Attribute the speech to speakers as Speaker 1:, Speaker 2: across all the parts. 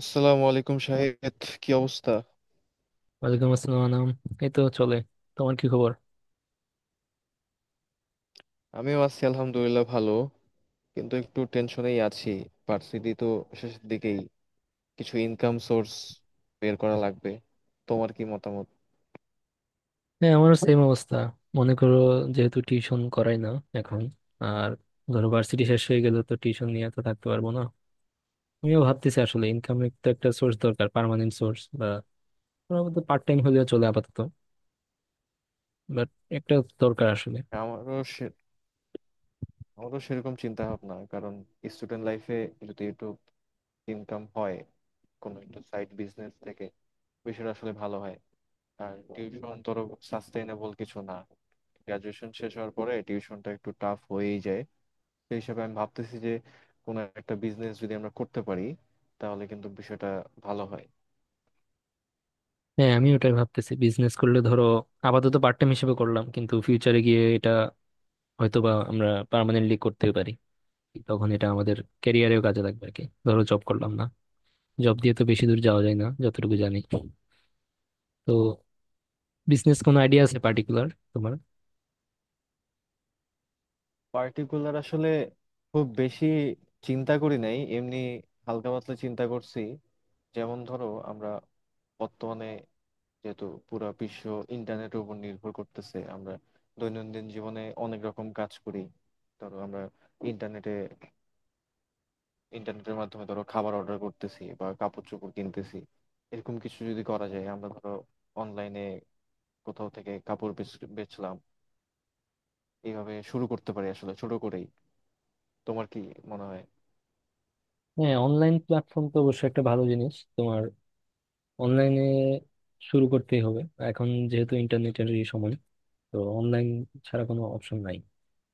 Speaker 1: আসসালামু আলাইকুম শাহেদ, কি অবস্থা?
Speaker 2: ওয়ালাইকুম আসসালাম আনাম। এই তো চলে। তোমার কি খবর?
Speaker 1: আমিও আছি আলহামদুলিল্লাহ ভালো, কিন্তু একটু টেনশনেই আছি। ভার্সিটি তো শেষের দিকেই, কিছু ইনকাম সোর্স বের করা লাগবে। তোমার কি মতামত?
Speaker 2: হ্যাঁ, আমারও সেম অবস্থা। মনে করো, যেহেতু টিউশন করাই না এখন, আর ধরো ভার্সিটি শেষ হয়ে গেলে তো টিউশন নিয়ে তো থাকতে পারবো না। আমিও ভাবতেছি, আসলে ইনকামের তো একটা সোর্স দরকার, পার্মানেন্ট সোর্স বা পার্ট টাইম হলেও চলে আপাতত, বাট একটা দরকার আসলে।
Speaker 1: আমারও সে- আমারও সেরকম চিন্তা ভাবনা, কারণ স্টুডেন্ট লাইফে যদি একটু ইনকাম হয় কোনো একটা সাইড বিজনেস থেকে, বিষয়টা আসলে ভালো হয়। আর টিউশন ধরো সাস্টেইনেবল কিছু না, গ্রাজুয়েশন শেষ হওয়ার পরে টিউশনটা একটু টাফ হয়েই যায়। সেই হিসাবে আমি ভাবতেছি যে কোনো একটা বিজনেস যদি আমরা করতে পারি তাহলে কিন্তু বিষয়টা ভালো হয়।
Speaker 2: হ্যাঁ, আমি ওটাই ভাবতেছি, বিজনেস করলে ধরো আপাতত পার্ট টাইম হিসেবে করলাম কিন্তু ফিউচারে গিয়ে এটা হয়তোবা আমরা পার্মানেন্টলি করতে পারি, তখন এটা আমাদের ক্যারিয়ারেও কাজে লাগবে আর কি। ধরো জব করলাম, না জব দিয়ে তো বেশি দূর যাওয়া যায় না যতটুকু জানি। তো বিজনেস কোনো আইডিয়া আছে পার্টিকুলার তোমার?
Speaker 1: পার্টিকুলার আসলে খুব বেশি চিন্তা করি নাই, এমনি হালকা পাতলা চিন্তা করছি। যেমন ধরো, আমরা বর্তমানে যেহেতু পুরো বিশ্ব ইন্টারনেটের উপর নির্ভর করতেছে, আমরা দৈনন্দিন জীবনে অনেক রকম কাজ করি। ধরো আমরা ইন্টারনেটে ইন্টারনেটের মাধ্যমে ধরো খাবার অর্ডার করতেছি বা কাপড় চোপড় কিনতেছি, এরকম কিছু যদি করা যায়। আমরা ধরো অনলাইনে কোথাও থেকে কাপড় বেচলাম, এইভাবে শুরু করতে পারি আসলে ছোট করেই। তোমার কি মনে হয়?
Speaker 2: হ্যাঁ, অনলাইন প্ল্যাটফর্ম তো অবশ্যই একটা ভালো জিনিস। তোমার অনলাইনে শুরু করতেই হবে, এখন যেহেতু ইন্টারনেটের সময়, তো অনলাইন ছাড়া কোনো অপশন নাই।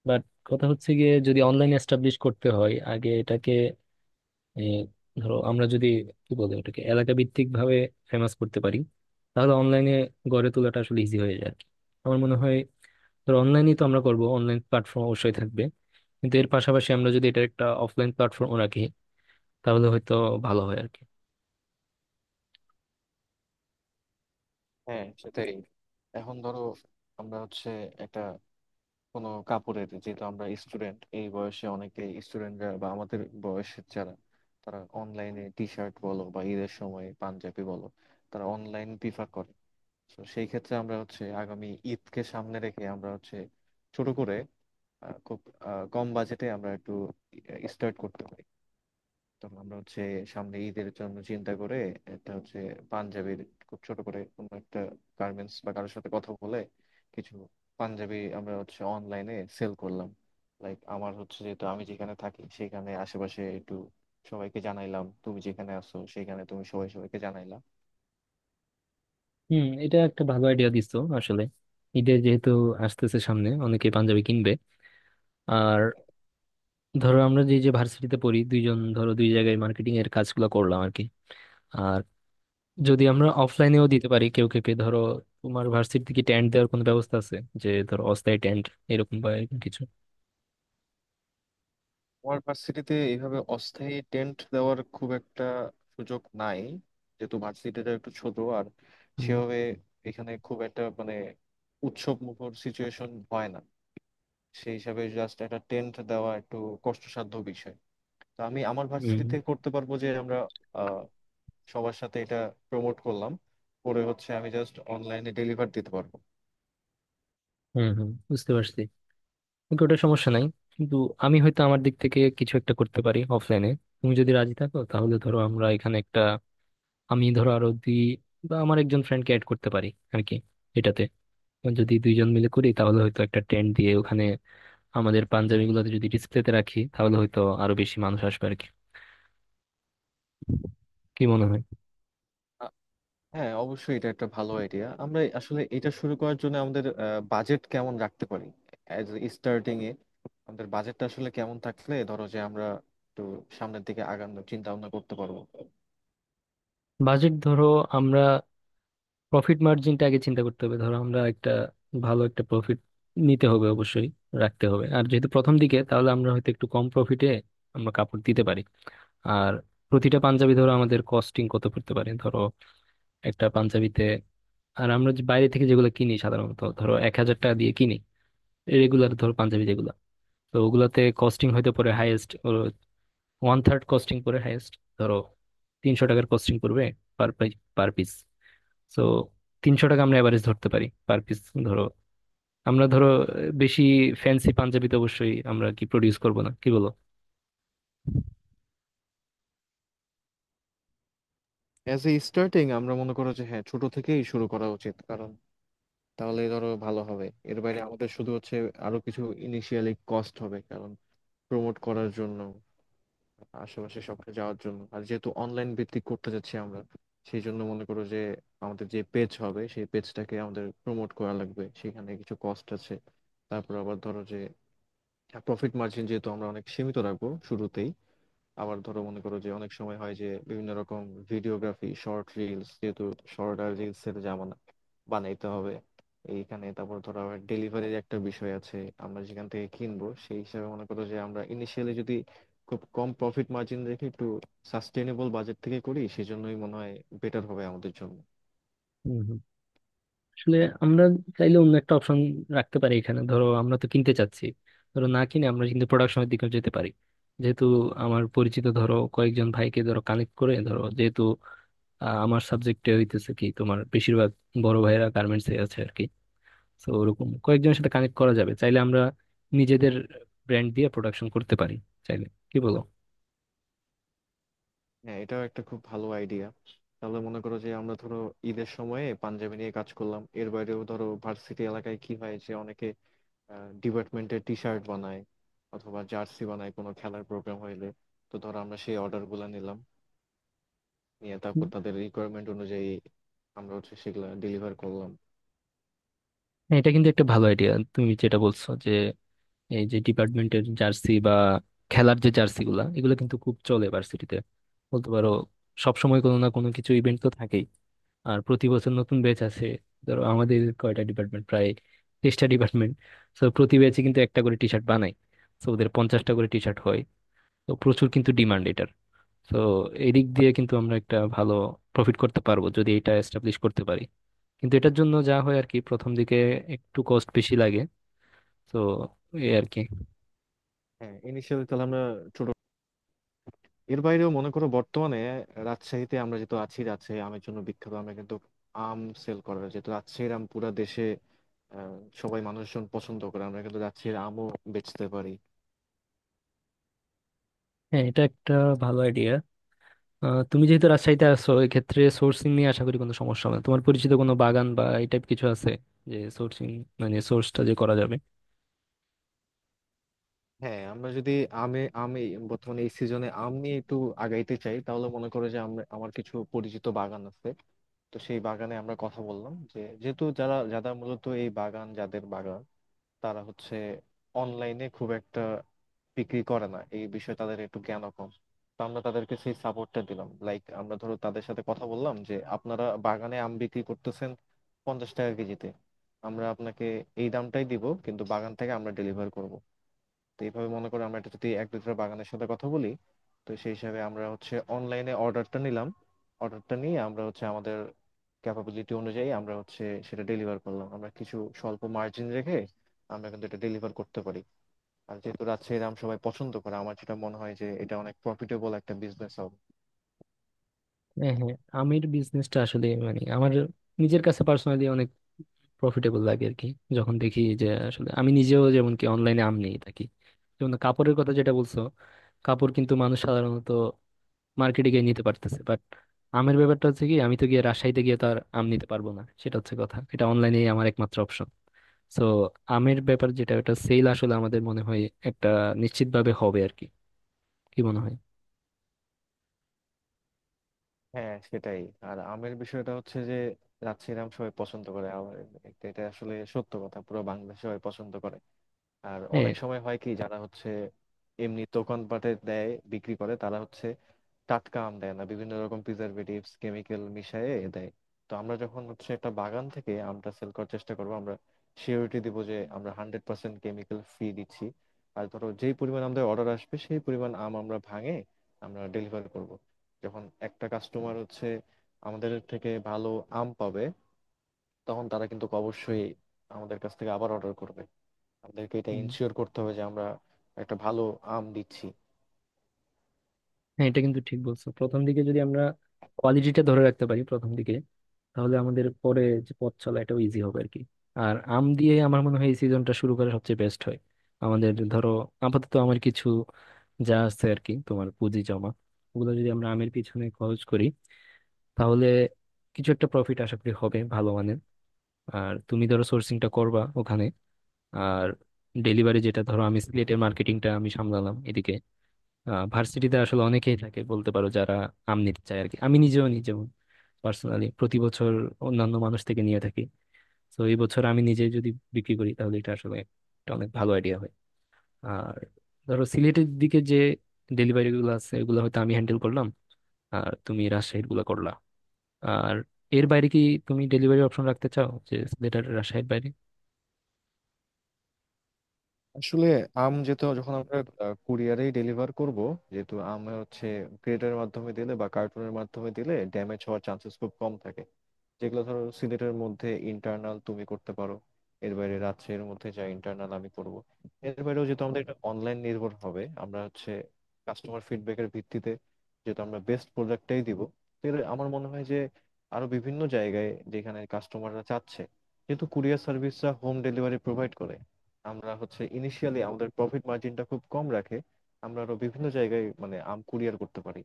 Speaker 2: বাট কথা হচ্ছে গিয়ে, যদি অনলাইন এস্টাবলিশ করতে হয় আগে এটাকে এ, ধরো আমরা যদি কি বলে ওটাকে এলাকা ভিত্তিক ভাবে ফেমাস করতে পারি তাহলে অনলাইনে গড়ে তোলাটা আসলে ইজি হয়ে যায় আর কি। আমার মনে হয় ধরো অনলাইনেই তো আমরা করবো, অনলাইন প্ল্যাটফর্ম অবশ্যই থাকবে, কিন্তু এর পাশাপাশি আমরা যদি এটার একটা অফলাইন প্ল্যাটফর্ম রাখি তাহলে হয়তো ভালো হয় আর কি।
Speaker 1: হ্যাঁ, সেটাই। এখন ধরো আমরা হচ্ছে একটা কোনো কাপড়ের, যেহেতু আমরা স্টুডেন্ট, এই বয়সে অনেকে স্টুডেন্টরা বা আমাদের বয়সের যারা, তারা অনলাইনে টি শার্ট বলো বা ঈদের সময় পাঞ্জাবি বলো, তারা অনলাইন প্রিফার করে। তো সেই ক্ষেত্রে আমরা হচ্ছে আগামী ঈদকে সামনে রেখে আমরা হচ্ছে ছোট করে খুব কম বাজেটে আমরা একটু স্টার্ট করতে পারি। তখন আমরা হচ্ছে সামনে ঈদের জন্য চিন্তা করে একটা হচ্ছে পাঞ্জাবির খুব ছোট করে কোনো একটা গার্মেন্টস বা কারোর সাথে কথা বলে কিছু পাঞ্জাবি আমরা হচ্ছে অনলাইনে সেল করলাম। লাইক আমার হচ্ছে যেহেতু আমি যেখানে থাকি সেখানে আশেপাশে একটু সবাইকে জানাইলাম, তুমি যেখানে আছো সেখানে তুমি সবাই সবাইকে জানাইলা।
Speaker 2: হুম, এটা একটা ভালো আইডিয়া দিছো আসলে। ঈদে যেহেতু আসতেছে সামনে, অনেকে পাঞ্জাবি কিনবে। আর ধরো আমরা যে যে ভার্সিটিতে পড়ি দুইজন, ধরো দুই জায়গায় মার্কেটিং এর কাজগুলো করলাম আর কি। আর যদি আমরা অফলাইনেও দিতে পারি কেউ কেউকে ধরো, তোমার ভার্সিটি থেকে টেন্ট দেওয়ার কোনো ব্যবস্থা আছে? যে ধরো অস্থায়ী টেন্ট এরকম বা এরকম কিছু।
Speaker 1: আমার ভার্সিটিতে এইভাবে অস্থায়ী টেন্ট দেওয়ার খুব একটা সুযোগ নাই, যেহেতু ভার্সিটিটা একটু ছোট আর
Speaker 2: হুম,
Speaker 1: সেভাবে এখানে খুব একটা মানে উৎসব মুখর সিচুয়েশন হয় না। সেই হিসাবে জাস্ট একটা টেন্ট দেওয়া একটু কষ্টসাধ্য বিষয়। তো আমি আমার
Speaker 2: হুম,
Speaker 1: ভার্সিটিতে করতে পারবো যে আমরা আহ, সবার সাথে এটা প্রমোট করলাম, পরে হচ্ছে আমি জাস্ট অনলাইনে ডেলিভার দিতে পারবো।
Speaker 2: হুম, হুম, বুঝতে পারছি। ওকে, ওটা সমস্যা নাই। কিন্তু আমি হয়তো আমার দিক থেকে কিছু একটা করতে পারি অফলাইনে। তুমি যদি রাজি থাকো তাহলে ধরো আমরা এখানে একটা, আমি ধরো আরো দুই বা আমার একজন ফ্রেন্ডকে অ্যাড করতে পারি আর কি। এটাতে যদি দুইজন মিলে করি তাহলে হয়তো একটা ট্রেন্ড দিয়ে ওখানে আমাদের পাঞ্জাবিগুলোতে যদি ডিসপ্লেতে রাখি তাহলে হয়তো আরো বেশি মানুষ আসবে আর কি। কি মনে হয়?
Speaker 1: আ- হ্যাঁ, অবশ্যই এটা একটা ভালো আইডিয়া। আমরা আসলে এটা শুরু করার জন্য আমাদের বাজেট কেমন রাখতে পারি অ্যাজ স্টার্টিং এ? আমাদের বাজেটটা আসলে কেমন থাকলে ধরো যে আমরা একটু সামনের দিকে আগানোর চিন্তা ভাবনা করতে পারবো?
Speaker 2: বাজেট ধরো আমরা প্রফিট মার্জিনটা আগে চিন্তা করতে হবে। ধরো আমরা একটা ভালো একটা প্রফিট নিতে হবে অবশ্যই, রাখতে হবে। আর যেহেতু প্রথম দিকে, তাহলে আমরা হয়তো একটু কম প্রফিটে আমরা কাপড় দিতে পারি। আর প্রতিটা পাঞ্জাবি ধরো আমাদের কস্টিং কত পড়তে পারে ধরো একটা পাঞ্জাবিতে। আর আমরা যে বাইরে থেকে যেগুলো কিনি সাধারণত, ধরো 1,000 টাকা দিয়ে কিনি, রেগুলার ধরো পাঞ্জাবি যেগুলো, তো ওগুলাতে কস্টিং হয়তো পড়ে হাইয়েস্ট ওয়ান থার্ড, কস্টিং পড়ে হাইয়েস্ট ধরো 300 টাকার কস্টিং পড়বে পার পার পিস। তো 300 টাকা আমরা এভারেজ ধরতে পারি পার পিস। ধরো আমরা ধরো বেশি ফ্যান্সি পাঞ্জাবি তো অবশ্যই আমরা কি প্রডিউস করব না, কি বলো?
Speaker 1: অ্যাজ এ স্টার্টিং আমরা মনে করো যে হ্যাঁ, ছোট থেকেই শুরু করা উচিত, কারণ তাহলে ধরো ভালো হবে। এর বাইরে আমাদের শুধু হচ্ছে আরো কিছু ইনিশিয়ালি কস্ট হবে, কারণ প্রমোট করার জন্য আশেপাশে সবকে যাওয়ার জন্য। আর যেহেতু অনলাইন ভিত্তিক করতে যাচ্ছি আমরা, সেই জন্য মনে করো যে আমাদের যে পেজ হবে সেই পেজটাকে আমাদের প্রমোট করা লাগবে, সেখানে কিছু কস্ট আছে। তারপর আবার ধরো যে প্রফিট মার্জিন যেহেতু আমরা অনেক সীমিত রাখবো শুরুতেই, আবার ধরো মনে করো যে অনেক সময় হয় যে বিভিন্ন রকম ভিডিওগ্রাফি, শর্ট রিলস, যেহেতু শর্ট আর রিলস এর জামানা, বানাইতে হবে এইখানে। তারপর ধরো আবার ডেলিভারির একটা বিষয় আছে, আমরা যেখান থেকে কিনবো সেই হিসাবে মনে করো যে আমরা ইনিশিয়ালি যদি খুব কম প্রফিট মার্জিন রেখে একটু সাস্টেনেবল বাজেট থেকে করি, সেজন্যই মনে হয় বেটার হবে আমাদের জন্য।
Speaker 2: হুম, হুম, আসলে আমরা চাইলে অন্য একটা অপশন রাখতে পারি এখানে। ধরো আমরা তো কিনতে চাচ্ছি, ধরো না কিনে আমরা কিন্তু প্রোডাকশনের দিকে যেতে পারি যেহেতু আমার পরিচিত ধরো কয়েকজন ভাইকে ধরো কানেক্ট করে ধরো, যেহেতু আমার সাবজেক্টে হইতেছে কি, তোমার বেশিরভাগ বড় ভাইয়েরা গার্মেন্টস এ আছে আর কি। তো ওরকম কয়েকজনের সাথে কানেক্ট করা যাবে। চাইলে আমরা নিজেদের ব্র্যান্ড দিয়ে প্রোডাকশন করতে পারি চাইলে। কি বলো?
Speaker 1: হ্যাঁ, এটাও একটা খুব ভালো আইডিয়া। তাহলে মনে করো যে আমরা ধরো ঈদের সময়ে পাঞ্জাবি নিয়ে কাজ করলাম, এর বাইরেও ধরো ভার্সিটি এলাকায় কি হয় যে অনেকে ডিপার্টমেন্টের টি শার্ট বানায় অথবা জার্সি বানায় কোনো খেলার প্রোগ্রাম হইলে। তো ধরো আমরা সেই অর্ডার গুলা নিলাম, নিয়ে
Speaker 2: হুম।
Speaker 1: তারপর তাদের রিকোয়ারমেন্ট অনুযায়ী আমরা হচ্ছে সেগুলা ডেলিভার করলাম।
Speaker 2: হ্যাঁ, এটা কিন্তু একটা ভালো আইডিয়া তুমি যেটা বলছো যে, এই যে ডিপার্টমেন্টের জার্সি বা খেলার যে জার্সি গুলা, এগুলো কিন্তু খুব চলে ভার্সিটিতে, বলতে পারো সবসময় কোনো না কোনো কিছু ইভেন্ট তো থাকেই। আর প্রতি বছর নতুন ব্যাচ আছে। ধরো আমাদের কয়টা ডিপার্টমেন্ট, প্রায় 23টা ডিপার্টমেন্ট, তো প্রতি ব্যাচে কিন্তু একটা করে টি শার্ট বানায়, তো ওদের 50টা করে টি শার্ট হয়। তো প্রচুর কিন্তু ডিমান্ড। তো এদিক দিয়ে কিন্তু আমরা একটা ভালো প্রফিট করতে পারবো যদি এটা এস্টাবলিশ করতে পারি। কিন্তু এটার জন্য যা হয় আর কি প্রথম দিকে একটু কস্ট বেশি লাগে। তো এই আর কি।
Speaker 1: হ্যাঁ, ইনিশিয়ালি তাহলে আমরা ছোট, এর বাইরেও মনে করো বর্তমানে রাজশাহীতে আমরা যেহেতু আছি, রাজশাহী আমের জন্য বিখ্যাত, আমরা কিন্তু আম সেল করা হয়। যেহেতু রাজশাহীর আম পুরা দেশে আহ, সবাই মানুষজন পছন্দ করে, আমরা কিন্তু রাজশাহীর আমও বেচতে পারি।
Speaker 2: হ্যাঁ, এটা একটা ভালো আইডিয়া। তুমি যেহেতু রাজশাহীতে আসো, এক্ষেত্রে সোর্সিং নিয়ে আশা করি কোনো সমস্যা হবে না। তোমার পরিচিত কোনো বাগান বা এই টাইপ কিছু আছে যে সোর্সিং, মানে সোর্সটা যে করা যাবে?
Speaker 1: হ্যাঁ, আমরা যদি আমে আমি বর্তমানে এই সিজনে আম নিয়ে একটু আগাইতে চাই, তাহলে মনে করো যে আমরা, আমার কিছু পরিচিত বাগান আছে। তো সেই বাগানে আমরা কথা বললাম যে যেহেতু যারা যারা মূলত এই বাগান যাদের বাগান, তারা হচ্ছে অনলাইনে খুব একটা বিক্রি করে না, এই বিষয়ে তাদের একটু জ্ঞান কম। তো আমরা তাদেরকে সেই সাপোর্টটা দিলাম। লাইক আমরা ধরো তাদের সাথে কথা বললাম যে আপনারা বাগানে আম বিক্রি করতেছেন 50 টাকা কেজিতে, আমরা আপনাকে এই দামটাই দিব, কিন্তু বাগান থেকে আমরা ডেলিভার করব। তো এইভাবে মনে করো আমরা এটা যদি এক দুটো বাগানের সাথে কথা বলি, তো সেই হিসাবে আমরা হচ্ছে অনলাইনে অর্ডারটা নিলাম, অর্ডারটা নিয়ে আমরা হচ্ছে আমাদের ক্যাপাবিলিটি অনুযায়ী আমরা হচ্ছে সেটা ডেলিভার করলাম। আমরা কিছু স্বল্প মার্জিন রেখে আমরা কিন্তু এটা ডেলিভার করতে পারি। আর যেহেতু রাজশাহীর আম সবাই পছন্দ করে, আমার যেটা মনে হয় যে এটা অনেক প্রফিটেবল একটা বিজনেস হবে।
Speaker 2: হ্যাঁ, হ্যাঁ, আমের বিজনেসটা আসলে মানে আমার নিজের কাছে পার্সোনালি প্রফিটেবল লাগে আর কি, যখন দেখি যে আসলে আমি নিজেও যেমন কি অনলাইনে আম নিয়ে থাকি। যেমন কাপড়ের কথা যেটা বলছো, কাপড় কিন্তু মানুষ সাধারণত মার্কেটে গিয়ে নিতে পারতেছে বাট আমের ব্যাপারটা হচ্ছে কি, আমি তো গিয়ে রাজশাহীতে গিয়ে তো আর আম নিতে পারবো না, সেটা হচ্ছে কথা। এটা অনলাইনেই আমার একমাত্র অপশন। সো আমের ব্যাপার যেটা, ওটা সেল আসলে আমাদের মনে হয় একটা নিশ্চিতভাবে হবে আর কি। কি মনে হয়?
Speaker 1: হ্যাঁ, সেটাই। আর আমের বিষয়টা হচ্ছে যে রাজশাহীর আম সবাই পছন্দ করে, আর এটা এটা আসলে সত্য কথা, পুরো বাংলাদেশ সবাই পছন্দ করে। আর
Speaker 2: হ্যাঁ,
Speaker 1: অনেক সময় হয় কি যারা হচ্ছে এমনি দোকানপাটে দেয় বিক্রি করে, তারা হচ্ছে টাটকা আম দেয় না, বিভিন্ন রকম প্রিজারভেটিভস কেমিক্যাল মিশিয়ে দেয়। তো আমরা যখন হচ্ছে একটা বাগান থেকে আমটা সেল করার চেষ্টা করবো, আমরা সিওরিটি দিব যে আমরা 100% কেমিক্যাল ফ্রি দিচ্ছি। আর ধরো যেই পরিমাণ আমাদের অর্ডার আসবে সেই পরিমাণ আম আমরা ভাঙে আমরা ডেলিভার করব। যখন একটা কাস্টমার হচ্ছে আমাদের থেকে ভালো আম পাবে, তখন তারা কিন্তু অবশ্যই আমাদের কাছ থেকে আবার অর্ডার করবে। আমাদেরকে এটা ইনশিওর করতে হবে যে আমরা একটা ভালো আম দিচ্ছি।
Speaker 2: হ্যাঁ, এটা কিন্তু ঠিক বলছো। প্রথম দিকে যদি আমরা কোয়ালিটিটা ধরে রাখতে পারি প্রথম দিকে, তাহলে আমাদের পরে যে পথ চলা এটাও ইজি হবে আর কি। আর আম দিয়ে আমার মনে হয় এই সিজনটা শুরু করা সবচেয়ে বেস্ট হয়। আমাদের ধরো আপাতত আমার কিছু যা আছে আর কি, তোমার পুঁজি জমা, ওগুলো যদি আমরা আমের পিছনে খরচ করি, তাহলে কিছু একটা প্রফিট আশা করি হবে ভালো মানের। আর তুমি ধরো সোর্সিংটা করবা ওখানে। আর ডেলিভারি যেটা, ধরো আমি সিলেটের মার্কেটিংটা আমি সামলালাম এদিকে। ভার্সিটিতে আসলে অনেকেই থাকে বলতে পারো যারা আম নিতে চায় আর কি। আমি নিজেও নিজেও পার্সোনালি প্রতি বছর অন্যান্য মানুষ থেকে নিয়ে থাকি। তো এই বছর আমি নিজে যদি বিক্রি করি তাহলে এটা আসলে একটা অনেক ভালো আইডিয়া হয়। আর ধরো সিলেটের দিকে যে ডেলিভারি গুলো আছে এগুলো হয়তো আমি হ্যান্ডেল করলাম, আর তুমি রাজশাহীর গুলো করলা। আর এর বাইরে কি তুমি ডেলিভারি অপশন রাখতে চাও, যে সিলেটের রাজশাহীর বাইরে?
Speaker 1: আসলে আম যেহেতু, যখন আমরা কুরিয়ারেই ডেলিভার করব, যেহেতু আম হচ্ছে ক্রেটের মাধ্যমে দিলে বা কার্টুনের মাধ্যমে দিলে ড্যামেজ হওয়ার চান্সেস খুব কম থাকে, যেগুলো ধরো সিলেটের মধ্যে ইন্টারনাল তুমি করতে পারো, এর বাইরে রাজশাহীর মধ্যে যা ইন্টারনাল আমি করব। এর বাইরেও যেহেতু আমাদের এটা অনলাইন নির্ভর হবে, আমরা হচ্ছে কাস্টমার ফিডব্যাকের ভিত্তিতে, যেহেতু আমরা বেস্ট প্রোডাক্টটাই দিব, তো এর আমার মনে হয় যে আরো বিভিন্ন জায়গায় যেখানে কাস্টমাররা চাচ্ছে, যেহেতু কুরিয়ার সার্ভিসরা হোম ডেলিভারি প্রোভাইড করে, আমরা হচ্ছে ইনিশিয়ালি আমাদের প্রফিট মার্জিনটা খুব কম রাখে আমরা আরো বিভিন্ন জায়গায় মানে আম কুরিয়ার করতে পারি।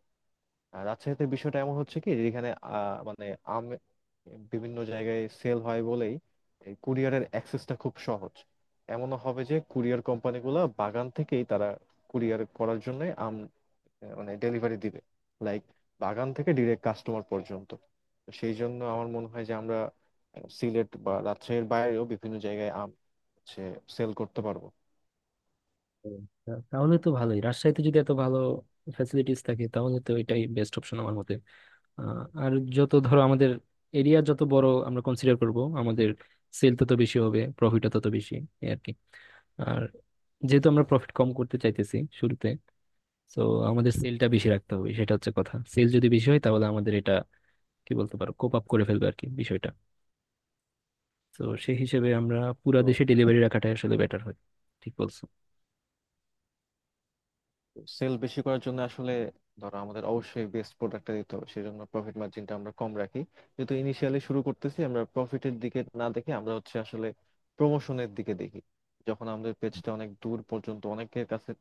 Speaker 1: আর রাজশাহীতে বিষয়টা এমন হচ্ছে কি যে এখানে মানে আম বিভিন্ন জায়গায় সেল হয় বলেই এই কুরিয়ারের অ্যাক্সেসটা খুব সহজ। এমনও হবে যে কুরিয়ার কোম্পানিগুলো বাগান থেকেই তারা কুরিয়ার করার জন্য আম মানে ডেলিভারি দিবে, লাইক বাগান থেকে ডিরেক্ট কাস্টমার পর্যন্ত। তো সেই জন্য আমার মনে হয় যে আমরা সিলেট বা রাজশাহীর বাইরেও বিভিন্ন জায়গায় আম হচ্ছে সেল করতে পারবো।
Speaker 2: হুম। তাহলে তো ভালোই, রাজশাহীতে যদি এত ভালো ফ্যাসিলিটিস থাকে তাহলে তো এটাই বেস্ট অপশন আমার মতে। আর যত ধরো আমাদের এরিয়া যত বড় আমরা কনসিডার করব আমাদের সেল তত বেশি হবে, প্রফিটও তত বেশি। এই আর কি। আর যেহেতু আমরা প্রফিট কম করতে চাইতেছি শুরুতে, তো আমাদের সেলটা বেশি রাখতে হবে, সেটা হচ্ছে কথা। সেল যদি বেশি হয় তাহলে আমাদের এটা কি বলতে পারো কোপ আপ করে ফেলবে আর কি বিষয়টা। তো সেই হিসেবে আমরা পুরা দেশে ডেলিভারি রাখাটাই আসলে বেটার হয়। ঠিক বলছো।
Speaker 1: সেল বেশি করার জন্য আসলে, ধরো আমাদের অবশ্যই বেস্ট প্রোডাক্টটা দিতে হবে, সেজন্য প্রফিট মার্জিনটা আমরা কম রাখি। যেহেতু ইনিশিয়ালি শুরু করতেছি আমরা প্রফিটের দিকে না দেখে আমরা হচ্ছে আসলে প্রমোশনের দিকে দেখি। যখন আমাদের পেজটা অনেক দূর পর্যন্ত অনেকের কাছে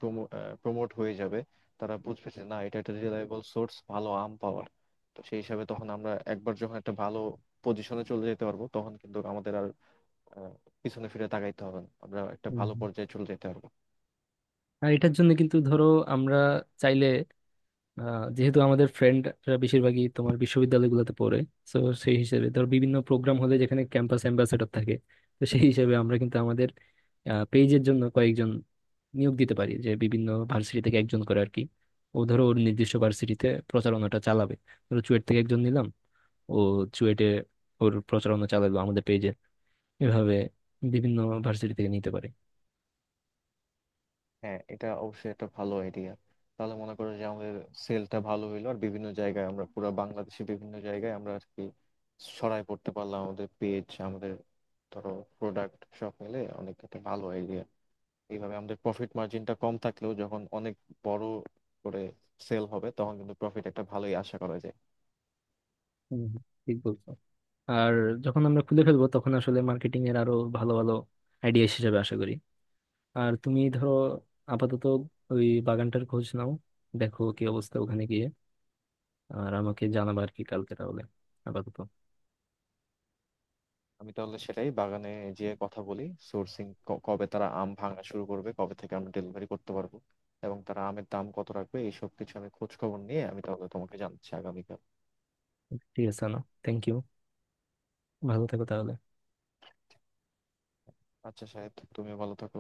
Speaker 1: প্রমোট হয়ে যাবে, তারা বুঝবে যে না, এটা একটা রিলায়েবল সোর্স ভালো আম পাওয়ার। তো সেই হিসাবে তখন আমরা একবার যখন একটা ভালো পজিশনে চলে যেতে পারবো, তখন কিন্তু আমাদের আর আহ, পিছনে ফিরে তাকাইতে হবে না, আমরা একটা
Speaker 2: হুম,
Speaker 1: ভালো
Speaker 2: হুম।
Speaker 1: পর্যায়ে চলে যেতে পারবো।
Speaker 2: আর এটার জন্য কিন্তু ধরো, আমরা চাইলে আহ, যেহেতু আমাদের ফ্রেন্ডরা বেশিরভাগই তোমার বিশ্ববিদ্যালয়গুলোতে পড়ে, তো সেই হিসেবে ধর বিভিন্ন প্রোগ্রাম হলে যেখানে ক্যাম্পাস অ্যাম্বাসেডর থাকে, তো সেই হিসেবে আমরা কিন্তু আমাদের পেজের জন্য কয়েকজন নিয়োগ দিতে পারি যে বিভিন্ন ভার্সিটি থেকে একজন করে আর কি। ও ধরো ওর নির্দিষ্ট ভার্সিটিতে প্রচারণাটা চালাবে। ধরো চুয়েট থেকে একজন নিলাম, ও চুয়েটে ওর প্রচারণা চালালো আমাদের পেজে। এভাবে বিভিন্ন ভার্সিটি থেকে নিতে পারে।
Speaker 1: হ্যাঁ, এটা অবশ্যই একটা ভালো আইডিয়া। তাহলে মনে করো যে আমাদের সেলটা ভালো হইলো আর বিভিন্ন জায়গায় আমরা পুরো বাংলাদেশে বিভিন্ন জায়গায় আমরা আর কি ছড়াই পড়তে পারলাম, আমাদের পেজ, আমাদের ধরো প্রোডাক্ট, সব মিলে অনেক একটা ভালো আইডিয়া। এইভাবে আমাদের প্রফিট মার্জিনটা কম থাকলেও যখন অনেক বড় করে সেল হবে তখন কিন্তু প্রফিট একটা ভালোই আশা করা যায়।
Speaker 2: হম, ঠিক বলছো। আর যখন আমরা খুলে ফেলবো তখন আসলে মার্কেটিং এর আরো ভালো ভালো আইডিয়া হিসেবে আশা করি। আর তুমি ধরো আপাতত ওই বাগানটার খোঁজ নাও, দেখো কি অবস্থা ওখানে গিয়ে। আর আমাকে জানাবা আর কি কালকে তাহলে আপাতত।
Speaker 1: আমি তাহলে সেটাই বাগানে যেয়ে কথা বলি, সোর্সিং, কবে তারা আম ভাঙা শুরু করবে, কবে থেকে আমরা ডেলিভারি করতে পারবো, এবং তারা আমের দাম কত রাখবে, এইসব কিছু আমি খোঁজ খবর নিয়ে আমি তাহলে তোমাকে জানাচ্ছি আগামীকাল।
Speaker 2: ঠিক আছে না? Thank you. ভালো থেকো তাহলে।
Speaker 1: আচ্ছা সাহেব, তুমিও ভালো থাকো।